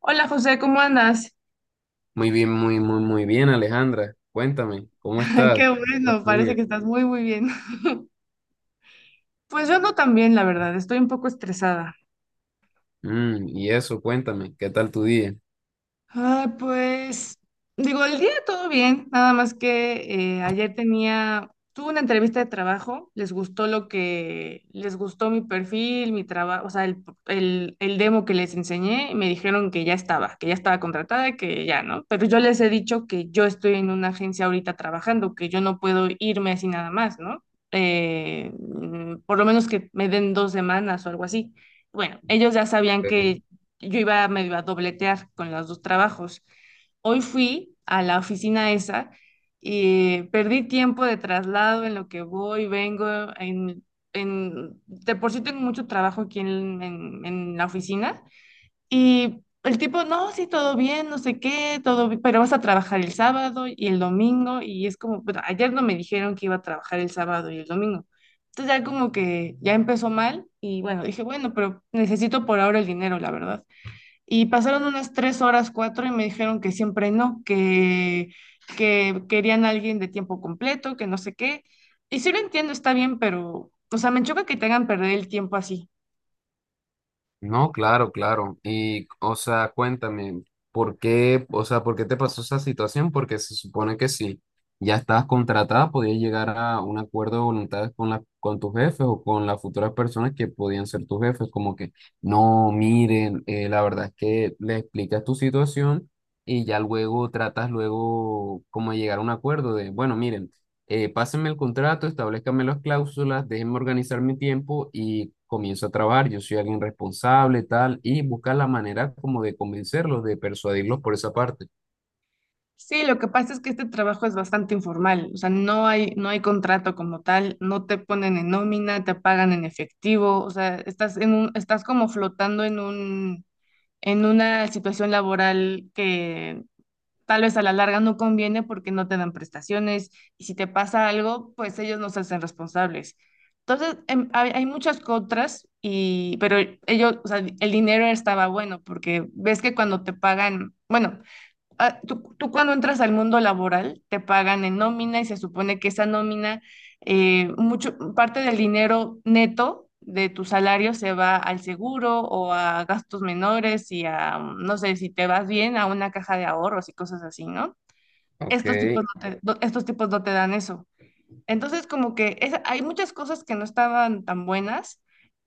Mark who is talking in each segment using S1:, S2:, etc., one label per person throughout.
S1: Hola José, ¿cómo andas?
S2: Muy bien, muy, muy, muy bien, Alejandra. Cuéntame, ¿cómo estás?
S1: Qué
S2: ¿Qué tal
S1: bueno,
S2: tu
S1: parece
S2: día?
S1: que estás muy, muy bien. Pues yo ando también, la verdad, estoy un poco estresada.
S2: Y eso, cuéntame, ¿qué tal tu día?
S1: Ah, pues digo, el día todo bien, nada más que ayer tuve una entrevista de trabajo, les gustó les gustó mi perfil, mi trabajo, o sea, el demo que les enseñé y me dijeron que ya estaba contratada, que ya, ¿no? Pero yo les he dicho que yo estoy en una agencia ahorita trabajando, que yo no puedo irme así nada más, ¿no? Por lo menos que me den 2 semanas o algo así. Bueno, ellos ya sabían
S2: Ok.
S1: que yo iba medio a dobletear con los dos trabajos. Hoy fui a la oficina esa y perdí tiempo de traslado en lo que voy, vengo, en, de por sí tengo mucho trabajo aquí en la oficina y el tipo, no, sí, todo bien, no sé qué, pero vas a trabajar el sábado y el domingo y es como, "Pero ayer no me dijeron que iba a trabajar el sábado y el domingo. Entonces ya como que ya empezó mal y bueno, dije, bueno, pero necesito por ahora el dinero, la verdad. Y pasaron unas 3 horas, cuatro, y me dijeron que siempre no, que querían a alguien de tiempo completo, que no sé qué. Y sí lo entiendo, está bien, pero, o sea, me choca que te hagan perder el tiempo así.
S2: No, claro, claro. Y, o sea, cuéntame, ¿por qué, o sea, por qué te pasó esa situación? Porque se supone que si ya estabas contratada, podías llegar a un acuerdo de voluntades con con tus jefes o con las futuras personas que podían ser tus jefes, como que, no, miren, la verdad es que le explicas tu situación y ya luego tratas luego como de llegar a un acuerdo de, bueno, miren, pásenme el contrato, establezcanme las cláusulas, déjenme organizar mi tiempo y comienzo a trabajar. Yo soy alguien responsable, tal, y buscar la manera como de convencerlos, de persuadirlos por esa parte.
S1: Sí, lo que pasa es que este trabajo es bastante informal, o sea, no hay contrato como tal, no te ponen en nómina, te pagan en efectivo, o sea, estás en un, estás como flotando en un, en una situación laboral que tal vez a la larga no conviene porque no te dan prestaciones y si te pasa algo, pues ellos no se hacen responsables. Entonces, hay muchas contras, y, pero ellos, o sea, el dinero estaba bueno porque ves que cuando te pagan, bueno, ah, tú cuando entras al mundo laboral te pagan en nómina y se supone que esa nómina, mucho, parte del dinero neto de tu salario se va al seguro o a gastos menores y a, no sé, si te vas bien, a una caja de ahorros y cosas así, ¿no?
S2: Ok.
S1: Estos tipos no te dan eso. Entonces, como que es, hay muchas cosas que no estaban tan buenas,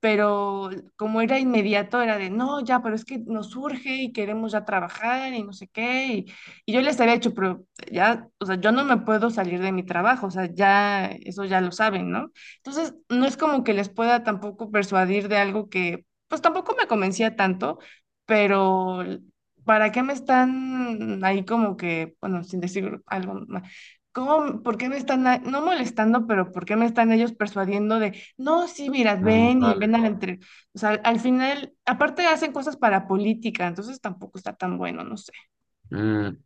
S1: pero como era inmediato, era de, no, ya, pero es que nos urge y queremos ya trabajar y no sé qué. Y yo les había dicho, pero ya, o sea, yo no me puedo salir de mi trabajo, o sea, ya, eso ya lo saben, ¿no? Entonces, no es como que les pueda tampoco persuadir de algo que, pues tampoco me convencía tanto, pero... ¿Para qué me están ahí como que, bueno, sin decir algo más? ¿Cómo, por qué me están, no molestando, pero por qué me están ellos persuadiendo de, no, sí, mira,
S2: Mm,
S1: ven y
S2: vale.
S1: ven a la entre... O sea, al final, aparte hacen cosas para política, entonces tampoco está tan bueno, no sé.
S2: Mm,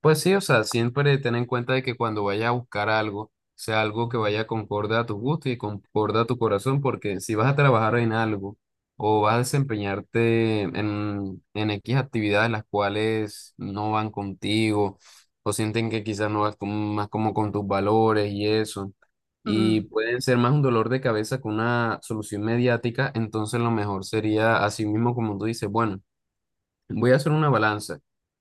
S2: Pues sí, o sea, siempre ten en cuenta de que cuando vayas a buscar algo, sea algo que vaya concorde a tu gusto y concorde a tu corazón, porque si vas a trabajar en algo o vas a desempeñarte en X actividades las cuales no van contigo o sienten que quizás no vas más como con tus valores y eso, y
S1: Ujú,
S2: pueden ser más un dolor de cabeza que una solución mediática. Entonces lo mejor sería, así mismo como tú dices, bueno. Voy a hacer una balanza.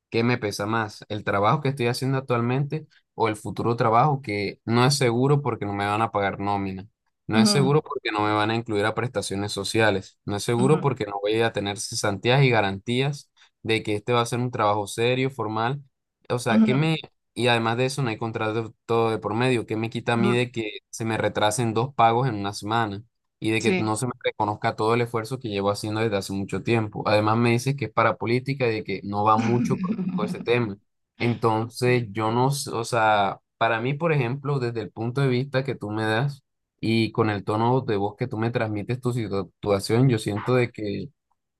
S2: ¿Qué me pesa más? ¿El trabajo que estoy haciendo actualmente o el futuro trabajo que no es seguro porque no me van a pagar nómina? No es
S1: ujú,
S2: seguro porque no me van a incluir a prestaciones sociales. No es seguro
S1: ujú,
S2: porque no voy a tener cesantías y garantías de que este va a ser un trabajo serio, formal. O sea, ¿qué
S1: ujú,
S2: me... Y además de eso, no hay contrato todo de por medio. ¿Qué me quita a
S1: ujú.
S2: mí de que se me retrasen dos pagos en una semana y de que
S1: Sí.
S2: no se me reconozca todo el esfuerzo que llevo haciendo desde hace mucho tiempo? Además, me dices que es para política y de que no va mucho con ese tema. Entonces,
S1: Sí.
S2: yo no, o sea, para mí, por ejemplo, desde el punto de vista que tú me das y con el tono de voz que tú me transmites tu situación, yo siento de que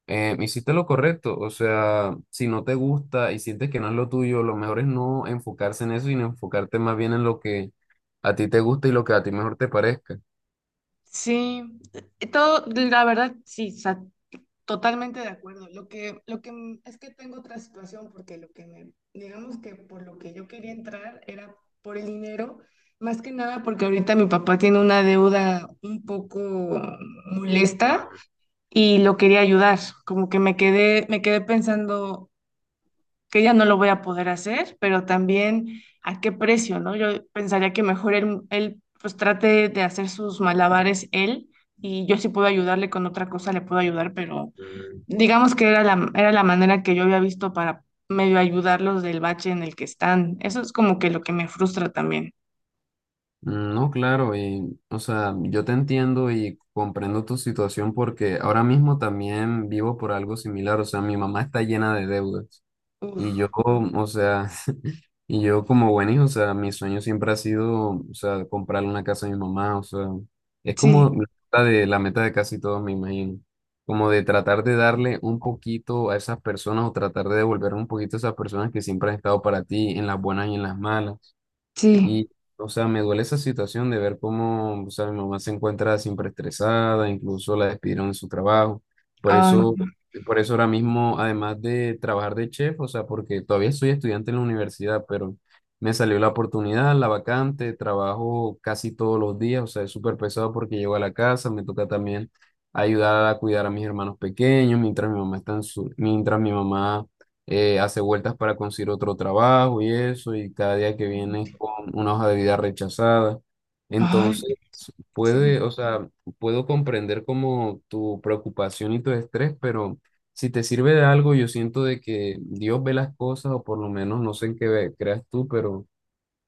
S2: hiciste lo correcto. O sea, si no te gusta y sientes que no es lo tuyo, lo mejor es no enfocarse en eso, sino enfocarte más bien en lo que a ti te gusta y lo que a ti mejor te parezca.
S1: Sí, todo, la verdad, sí, totalmente de acuerdo. Lo que es que tengo otra situación porque lo que me, digamos que por lo que yo quería entrar era por el dinero, más que nada porque ahorita mi papá tiene una deuda un poco molesta y lo quería ayudar. Como que me quedé pensando que ya no lo voy a poder hacer, pero también a qué precio, ¿no? Yo pensaría que mejor él pues trate de hacer sus malabares él y yo sí puedo ayudarle con otra cosa, le puedo ayudar, pero digamos que era era la manera que yo había visto para medio ayudarlos del bache en el que están. Eso es como que lo que me frustra también.
S2: No, claro, y o sea, yo te entiendo y comprendo tu situación porque ahora mismo también vivo por algo similar. O sea, mi mamá está llena de deudas y yo,
S1: Uf,
S2: o sea, y yo como buen hijo, o sea, mi sueño siempre ha sido, o sea, comprarle una casa a mi mamá. O sea, es como
S1: sí,
S2: la meta de casi todos, me imagino, como de tratar de darle un poquito a esas personas o tratar de devolver un poquito a esas personas que siempre han estado para ti en las buenas y en las malas.
S1: sí.
S2: Y, o sea, me duele esa situación de ver cómo, o sea, mi mamá se encuentra siempre estresada, incluso la despidieron de su trabajo. Por
S1: Ay,
S2: eso, por eso ahora mismo, además de trabajar de chef, o sea, porque todavía soy estudiante en la universidad, pero me salió la oportunidad, la vacante, trabajo casi todos los días. O sea, es súper pesado porque llego a la casa, me toca también ayudar a cuidar a mis hermanos pequeños, mientras mi mamá está en su, mientras mi mamá hace vueltas para conseguir otro trabajo y eso, y cada día que viene con una hoja de vida rechazada.
S1: ay,
S2: Entonces,
S1: sí.
S2: puede, o sea, puedo comprender como tu preocupación y tu estrés, pero si te sirve de algo, yo siento de que Dios ve las cosas, o por lo menos no sé en qué creas tú, pero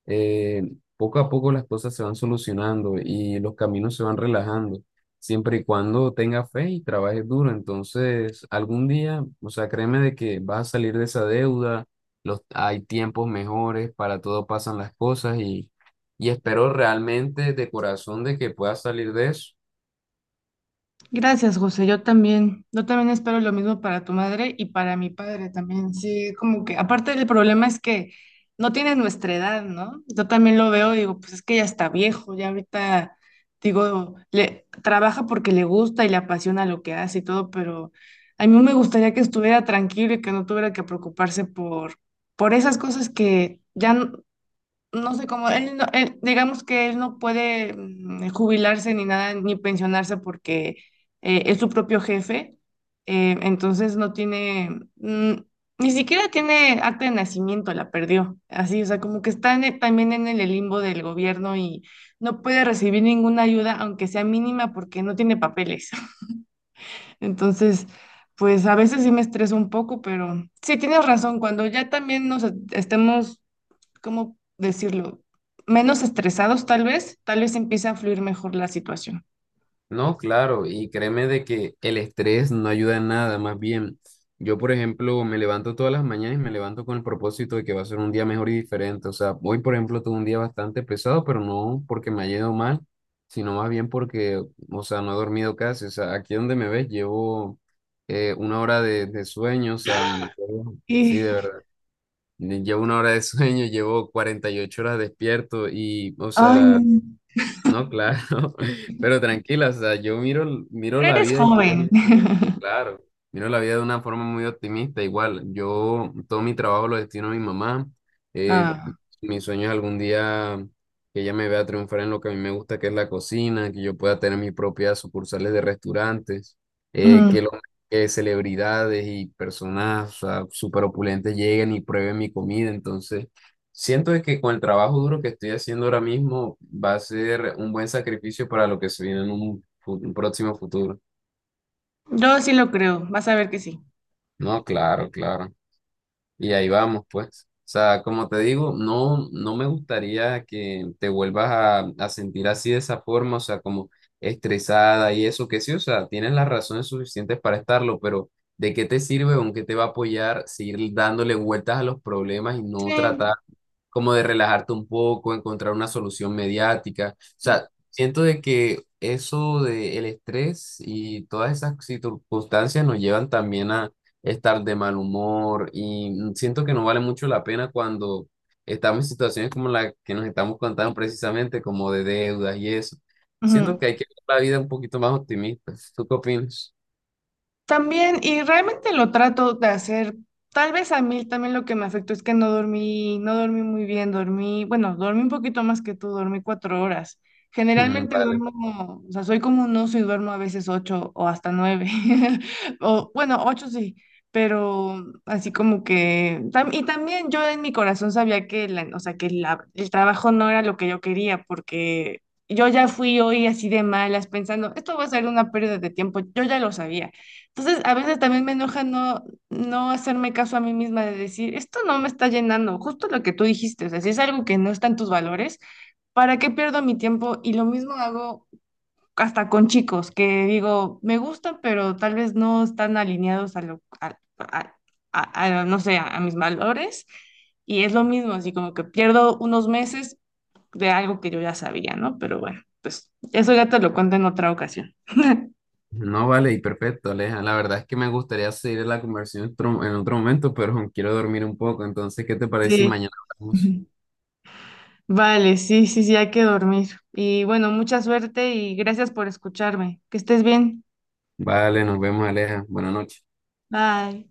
S2: eh, poco a poco las cosas se van solucionando y los caminos se van relajando, siempre y cuando tengas fe y trabajes duro. Entonces, algún día, o sea, créeme de que vas a salir de esa deuda. Los, hay tiempos mejores, para todo pasan las cosas, y espero realmente de corazón de que puedas salir de eso.
S1: Gracias, José. Yo también espero lo mismo para tu madre y para mi padre también. Sí, como que aparte el problema es que no tiene nuestra edad, ¿no? Yo también lo veo, digo, pues es que ya está viejo, ya ahorita, digo, le trabaja porque le gusta y le apasiona lo que hace y todo, pero a mí me gustaría que estuviera tranquilo y que no tuviera que preocuparse por esas cosas que ya, no sé cómo, él no- él- digamos que él no puede jubilarse ni nada, ni pensionarse porque es su propio jefe, entonces no tiene, mm, ni siquiera tiene acta de nacimiento, la perdió, así, o sea, como que está en también en el limbo del gobierno y no puede recibir ninguna ayuda, aunque sea mínima, porque no tiene papeles. Entonces... Pues a veces sí me estreso un poco, pero sí tienes razón, cuando ya también nos estemos, ¿cómo decirlo? Menos estresados tal vez empieza a fluir mejor la situación.
S2: No, claro, y créeme de que el estrés no ayuda en nada, más bien. Yo, por ejemplo, me levanto todas las mañanas y me levanto con el propósito de que va a ser un día mejor y diferente. O sea, hoy, por ejemplo, tuve un día bastante pesado, pero no porque me haya ido mal, sino más bien porque, o sea, no he dormido casi. O sea, aquí donde me ves, llevo una hora de sueño, o sea, sí, de
S1: Y,
S2: verdad. Llevo una hora de sueño, llevo 48 horas despierto y, o
S1: ay, no.
S2: sea... No, claro, pero tranquila, o sea, yo miro, miro
S1: Pero
S2: la
S1: eres
S2: vida y
S1: joven.
S2: soy, sí, claro, miro la vida de una forma muy optimista. Igual, yo todo mi trabajo lo destino a mi mamá, eh,
S1: Ah,
S2: mi sueño es algún día que ella me vea triunfar en lo que a mí me gusta, que es la cocina, que yo pueda tener mis propias sucursales de restaurantes, eh,
S1: ujú.
S2: que, lo- que celebridades y personas, o sea, súper opulentes lleguen y prueben mi comida, entonces... Siento de que con el trabajo duro que estoy haciendo ahora mismo va a ser un buen sacrificio para lo que se viene en un próximo futuro.
S1: Yo sí lo creo, vas a ver que sí.
S2: No, claro, claro. Y ahí vamos, pues. O sea, como te digo, no, no me gustaría que te vuelvas a sentir así de esa forma, o sea, como estresada y eso, que sí, o sea, tienes las razones suficientes para estarlo, pero ¿de qué te sirve o en qué te va a apoyar seguir dándole vueltas a los problemas y no
S1: Sí.
S2: tratar como de relajarte un poco, encontrar una solución mediática? O sea, siento de que eso del estrés y todas esas circunstancias nos llevan también a estar de mal humor y siento que no vale mucho la pena cuando estamos en situaciones como la que nos estamos contando precisamente, como de deudas y eso. Siento
S1: Ujú.
S2: que hay que ver la vida un poquito más optimista. ¿Tú qué opinas?
S1: También, y realmente lo trato de hacer. Tal vez a mí también lo que me afectó es que no dormí muy bien, dormí, bueno, dormí un poquito más que tú, dormí 4 horas. Generalmente
S2: Vale.
S1: duermo, o sea, soy como un oso y duermo a veces ocho o hasta nueve. O, bueno, ocho sí, pero así como que, y también yo en mi corazón sabía que, la, o sea, que el trabajo no era lo que yo quería, porque yo ya fui hoy así de malas pensando, esto va a ser una pérdida de tiempo, yo ya lo sabía. Entonces, a veces también me enoja no, no hacerme caso a mí misma de decir, esto no me está llenando, justo lo que tú dijiste, o sea, si es algo que no está en tus valores, ¿para qué pierdo mi tiempo? Y lo mismo hago hasta con chicos, que digo, me gustan, pero tal vez no están alineados a lo, a, a, no sé, a mis valores, y es lo mismo, así como que pierdo unos meses de algo que yo ya sabía, ¿no? Pero bueno, pues eso ya te lo cuento en otra ocasión.
S2: No vale, y perfecto, Aleja. La verdad es que me gustaría seguir la conversación en otro momento, pero quiero dormir un poco. Entonces, ¿qué te parece si
S1: Sí.
S2: mañana hablamos?
S1: Vale, sí, sí, sí, hay que dormir. Y bueno, mucha suerte y gracias por escucharme. Que estés bien.
S2: Vale, nos vemos, Aleja. Buenas noches.
S1: Bye.